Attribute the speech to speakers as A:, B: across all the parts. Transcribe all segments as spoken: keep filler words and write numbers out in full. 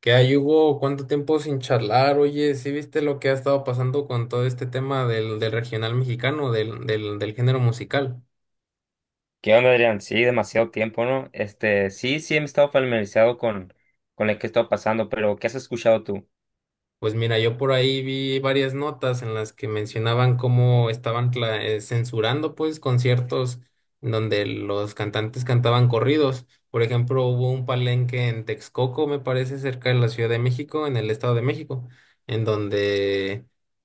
A: Que ahí Hugo cuánto tiempo sin charlar, oye, ¿sí viste lo que ha estado pasando con todo este tema del, del regional mexicano, del, del, del género musical?
B: ¿Qué onda, Adrián? Sí, demasiado tiempo, ¿no? Este, sí, sí, he estado familiarizado con, con lo que he estado pasando, pero ¿qué has escuchado tú?
A: Pues mira, yo por ahí vi varias notas en las que mencionaban cómo estaban cla- eh, censurando pues conciertos en donde los cantantes cantaban corridos. Por ejemplo, hubo un palenque en Texcoco, me parece, cerca de la Ciudad de México, en el Estado de México, en donde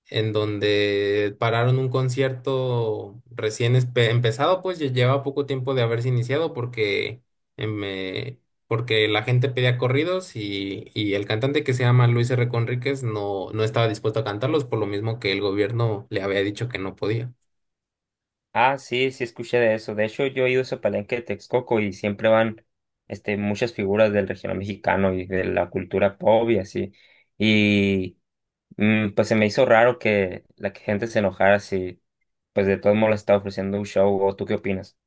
A: en donde pararon un concierto recién espe- empezado, pues ya lleva poco tiempo de haberse iniciado porque em, eh, porque la gente pedía corridos y, y el cantante que se llama Luis R. Conríquez no, no estaba dispuesto a cantarlos por lo mismo que el gobierno le había dicho que no podía.
B: Ah, sí, sí, escuché de eso. De hecho, yo he ido a ese palenque de Texcoco y siempre van, este, muchas figuras del regional mexicano y de la cultura pop y así. Y, mm, pues se me hizo raro que la gente se enojara si, pues de todos modos le estaba ofreciendo un show, ¿o tú qué opinas?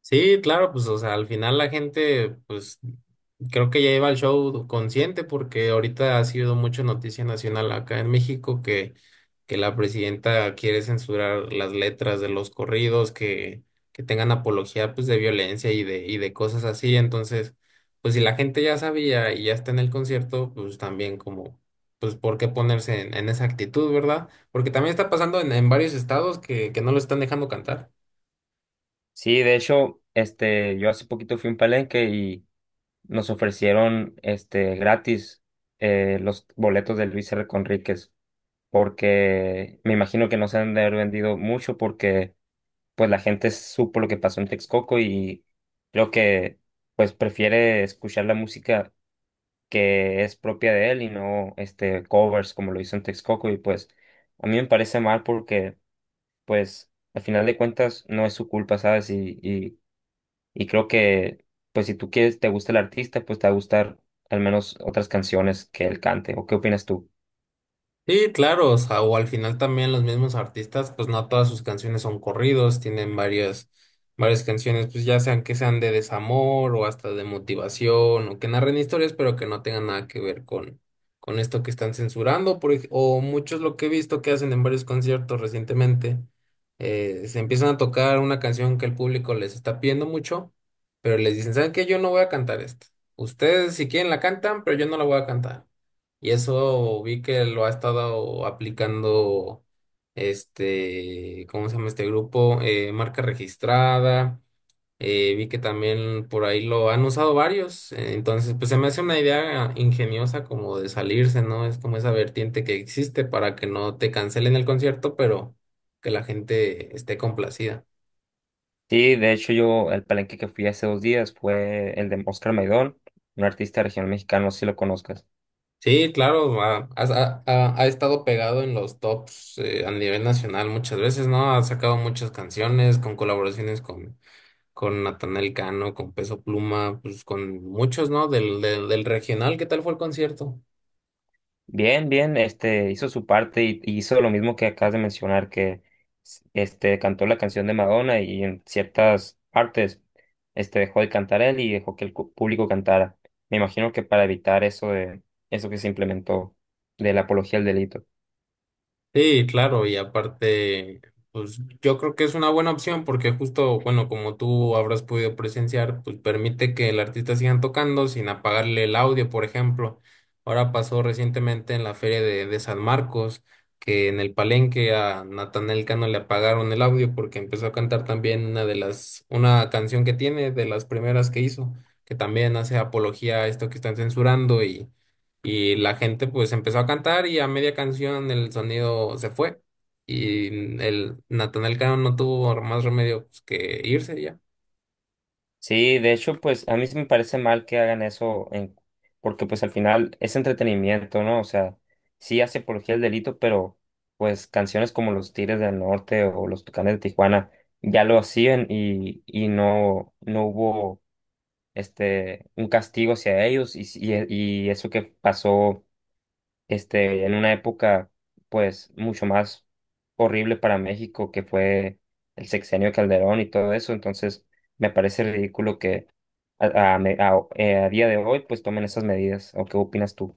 A: Sí, claro, pues, o sea, al final la gente, pues, creo que ya iba al show consciente porque ahorita ha sido mucho noticia nacional acá en México que, que la presidenta quiere censurar las letras de los corridos que, que tengan apología, pues, de violencia y de, y de cosas así. Entonces, pues, si la gente ya sabía y ya está en el concierto, pues, también como, pues, ¿por qué ponerse en, en esa actitud, verdad? Porque también está pasando en, en varios estados que, que no lo están dejando cantar.
B: Sí, de hecho, este, yo hace poquito fui a un palenque. Nos ofrecieron este gratis eh, los boletos de Luis R. Conríquez, porque me imagino que no se han de haber vendido mucho porque pues la gente supo lo que pasó en Texcoco y creo que pues prefiere escuchar la música que es propia de él y no este covers como lo hizo en Texcoco, y pues a mí me parece mal porque pues al final de cuentas no es su culpa, ¿sabes? Y, y y creo que pues si tú quieres, te gusta el artista, pues te va a gustar al menos otras canciones que él cante. ¿O qué opinas tú?
A: Sí, claro, o sea, o al final también los mismos artistas, pues no todas sus canciones son corridos, tienen varias, varias canciones, pues ya sean que sean de desamor o hasta de motivación o que narren historias, pero que no tengan nada que ver con, con esto que están censurando, por ej- o muchos lo que he visto que hacen en varios conciertos recientemente, eh, se empiezan a tocar una canción que el público les está pidiendo mucho, pero les dicen, ¿saben qué? Yo no voy a cantar esta. Ustedes si quieren la cantan, pero yo no la voy a cantar. Y eso vi que lo ha estado aplicando este, ¿cómo se llama este grupo? Eh, marca registrada. Eh, vi que también por ahí lo han usado varios. Eh, entonces, pues se me hace una idea ingeniosa como de salirse, ¿no? Es como esa vertiente que existe para que no te cancelen el concierto, pero que la gente esté complacida.
B: Sí, de hecho yo, el palenque que fui hace dos días fue el de Oscar Maidón, un artista regional mexicano, no sé si lo conozcas.
A: Sí, claro, ha, ha- ha- ha estado pegado en los tops eh, a nivel nacional muchas veces, ¿no? Ha sacado muchas canciones con colaboraciones con, con Natanael Cano, con Peso Pluma, pues con muchos, ¿no? Del, del, del regional, ¿qué tal fue el concierto?
B: Bien, bien, este hizo su parte y, y hizo lo mismo que acabas de mencionar, que s- este cantó la canción de Madonna y en ciertas partes este dejó de cantar él y dejó que el cu- público cantara. Me imagino que para evitar eso de eso que se implementó de la apología del delito.
A: Sí, claro, y aparte, pues yo creo que es una buena opción porque justo, bueno, como tú habrás podido presenciar, pues permite que el artista siga tocando sin apagarle el audio, por ejemplo. Ahora pasó recientemente en la feria de, de San Marcos, que en el palenque a Natanael Cano le apagaron el audio porque empezó a cantar también una de las, una canción que tiene, de las primeras que hizo, que también hace apología a esto que están censurando y la gente pues empezó a cantar y a media canción el sonido se fue. Y el Natanael Cano no tuvo más remedio pues, que irse ya.
B: Sí, de hecho, pues a mí sí me parece mal que hagan eso, en- porque pues al final es entretenimiento, ¿no? O sea, sí hace apología del delito, pero pues canciones como Los Tigres del Norte o Los Tucanes de Tijuana ya lo hacían y, y no, no hubo este, un castigo hacia ellos y, y, y eso que pasó este, en una época pues mucho más horrible para México que fue el sexenio de Calderón y todo eso, entonces me parece ridículo que a, a me- a- eh, a día de hoy pues tomen esas medidas, ¿o qué opinas tú?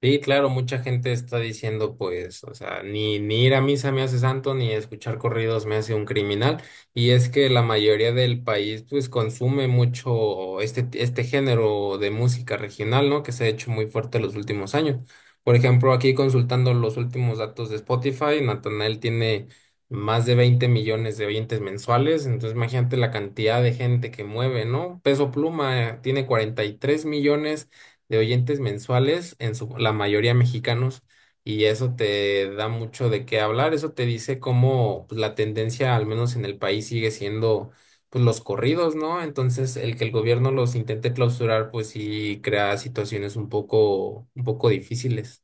A: Sí, claro, mucha gente está diciendo, pues, o sea, ni, ni ir a misa me hace santo, ni escuchar corridos me hace un criminal. Y es que la mayoría del país, pues, consume mucho este, este género de música regional, ¿no? Que se ha hecho muy fuerte los últimos años. Por ejemplo, aquí consultando los últimos datos de Spotify, Natanael tiene más de veinte millones de oyentes mensuales. Entonces, imagínate la cantidad de gente que mueve, ¿no? Peso Pluma, eh, tiene cuarenta y tres millones de oyentes mensuales, en su, la mayoría mexicanos, y eso te da mucho de qué hablar, eso te dice cómo pues, la tendencia, al menos en el país, sigue siendo pues los corridos, ¿no? Entonces, el que el gobierno los intente clausurar, pues sí crea situaciones un poco, un poco difíciles.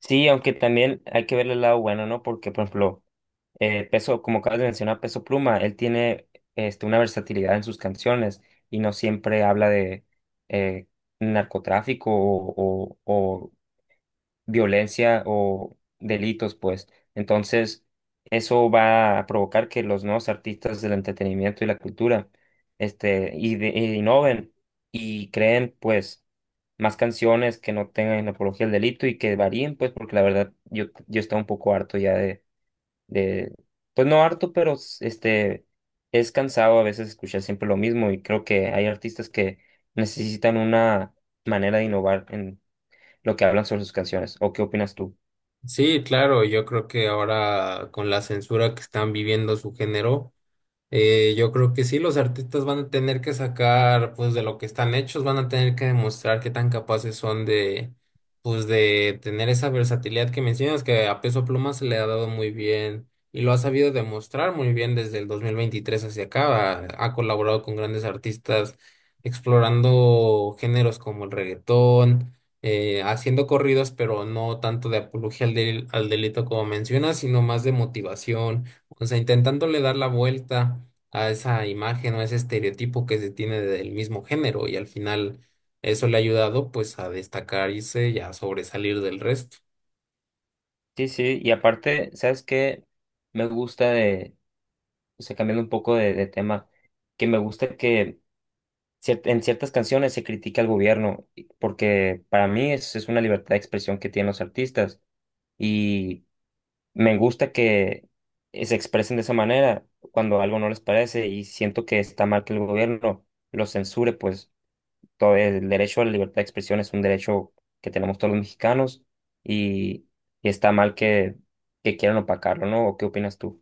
B: Sí, aunque también hay que ver el lado bueno, ¿no? Porque, por ejemplo, eh, Peso, como acabas de mencionar, Peso Pluma, él tiene este, una versatilidad en sus canciones y no siempre habla de eh, narcotráfico o, o, violencia o delitos, pues. Entonces, eso va a provocar que los nuevos artistas del entretenimiento y la cultura, este, y de- e innoven y creen, pues, más canciones que no tengan apología al delito y que varíen, pues, porque la verdad yo, yo estaba un poco harto ya de, de, pues no harto, pero s- este, es cansado a veces escuchar siempre lo mismo y creo que hay artistas que necesitan una manera de innovar lo que hablan sobre sus canciones. ¿O qué opinas tú?
A: Sí, claro, yo creo que ahora con la censura que están viviendo su género, Eh, yo creo que sí, los artistas van a tener que sacar pues de lo que están hechos, van a tener que demostrar qué tan capaces son de pues de tener esa versatilidad que mencionas que a Peso Pluma se le ha dado muy bien y lo ha sabido demostrar muy bien desde el dos mil veintitrés hacia acá. Ha, ha colaborado con grandes artistas explorando géneros como el reggaetón, eh, haciendo corridos, pero no tanto de apología al, del- al delito como mencionas, sino más de motivación, o sea, intentándole dar la vuelta a esa imagen o ese estereotipo que se tiene del mismo género y al final eso le ha ayudado pues a destacarse y a sobresalir del resto.
B: Sí, sí, y aparte, ¿sabes qué? Me gusta de, o sea, cambiando un poco de, de tema, que me gusta que cier- en ciertas canciones se critica al gobierno, y- porque para mí es, es una libertad de expresión que tienen los artistas y me gusta que eh, se expresen de esa manera cuando algo no les parece y siento que está mal que el gobierno los censure, pues. Todo el derecho a la libertad de expresión es un derecho que tenemos todos los mexicanos y, y está mal que, que quieran opacarlo, ¿no? ¿O qué opinas tú?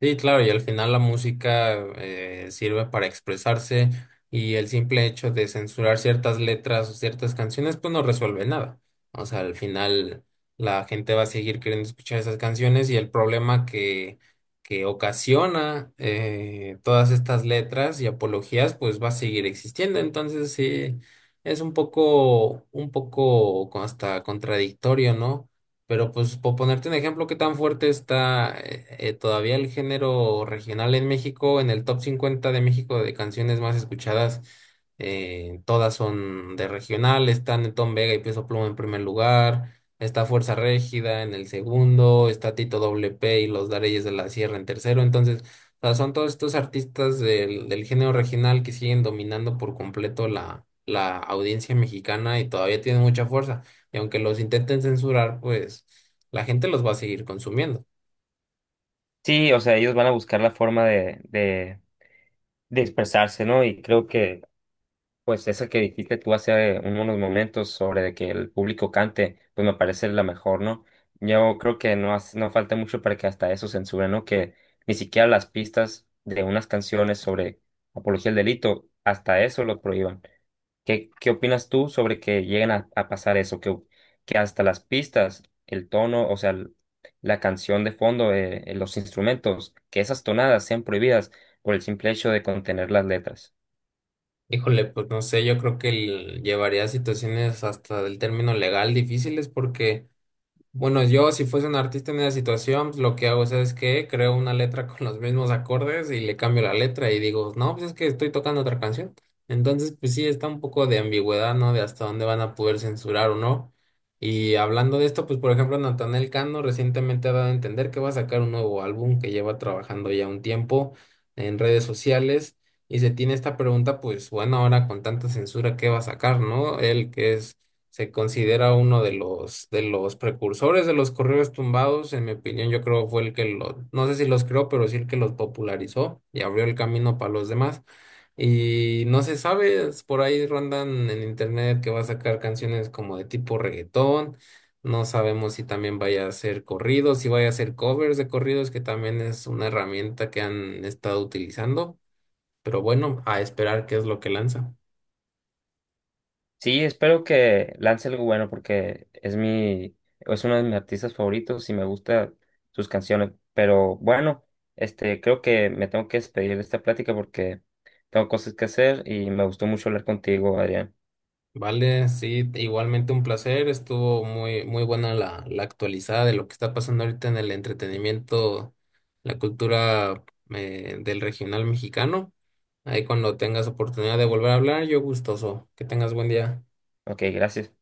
A: Sí, claro, y al final la música eh, sirve para expresarse y el simple hecho de censurar ciertas letras o ciertas canciones pues no resuelve nada. O sea, al final la gente va a seguir queriendo escuchar esas canciones y el problema que, que ocasiona eh, todas estas letras y apologías pues va a seguir existiendo. Entonces sí, es un poco, un poco hasta contradictorio, ¿no? Pero pues por ponerte un ejemplo, ¿qué tan fuerte está eh, eh, todavía el género regional en México? En el top cincuenta de México de canciones más escuchadas, eh, todas son de regional, están Tom Vega y Peso Pluma en primer lugar, está Fuerza Régida en el segundo, está Tito W P y Los Dareyes de la Sierra en tercero. Entonces, o sea, son todos estos artistas del, del género regional que siguen dominando por completo la, la audiencia mexicana y todavía tienen mucha fuerza. Y aunque los intenten censurar, pues la gente los va a seguir consumiendo.
B: Sí, o sea, ellos van a buscar la forma de, de, de expresarse, ¿no? Y creo que, pues, esa que dijiste tú hace unos momentos sobre de que el público cante, pues me parece la mejor, ¿no? Yo creo que no, hace- no falta mucho para que hasta eso censuren, ¿no? Que ni siquiera las pistas de unas canciones sobre apología del delito, hasta eso lo prohíban. ¿Qué, qué opinas tú sobre que lleguen a, a pasar eso? Que, que hasta las pistas, el tono, o sea, el- la canción de fondo, eh, eh, los instrumentos, que esas tonadas sean prohibidas por el simple hecho de contener las letras.
A: Híjole, pues no sé, yo creo que el- llevaría a situaciones hasta del término legal difíciles porque bueno, yo si fuese un artista en esa situación, pues, lo que hago, ¿sabes qué? Creo una letra con los mismos acordes y le cambio la letra y digo, no, pues es que estoy tocando otra canción. Entonces, pues sí, está un poco de ambigüedad, ¿no? De hasta dónde van a poder censurar o no. Y hablando de esto, pues por ejemplo, Natanael Cano recientemente ha dado a entender que va a sacar un nuevo álbum que lleva trabajando ya un tiempo en redes sociales. Y se tiene esta pregunta, pues bueno, ahora con tanta censura, ¿qué va a sacar, no? Él que es se considera uno de los, de los precursores de los correos tumbados, en mi opinión, yo creo fue el que lo, no sé si los creó, pero sí el que los popularizó y abrió el camino para los demás. Y no se sabe, es- por ahí rondan en internet que va a sacar canciones como de tipo reggaetón, no sabemos si también vaya a ser corridos, si vaya a ser covers de corridos, que también es una herramienta que han estado utilizando, pero bueno, a esperar qué es lo que lanza.
B: Sí, espero que lance algo bueno porque es mi, es uno de mis artistas favoritos y me gustan sus canciones. Pero bueno, este, creo que me tengo que despedir de esta plática porque tengo cosas que hacer y me gustó mucho hablar contigo, Adrián.
A: Vale, sí, igualmente un placer. Estuvo muy, muy buena la, la actualizada de lo que está pasando ahorita en el entretenimiento, la cultura eh, del regional mexicano. Ahí cuando tengas oportunidad de volver a hablar, yo gustoso. Que tengas buen día.
B: Ok, gracias.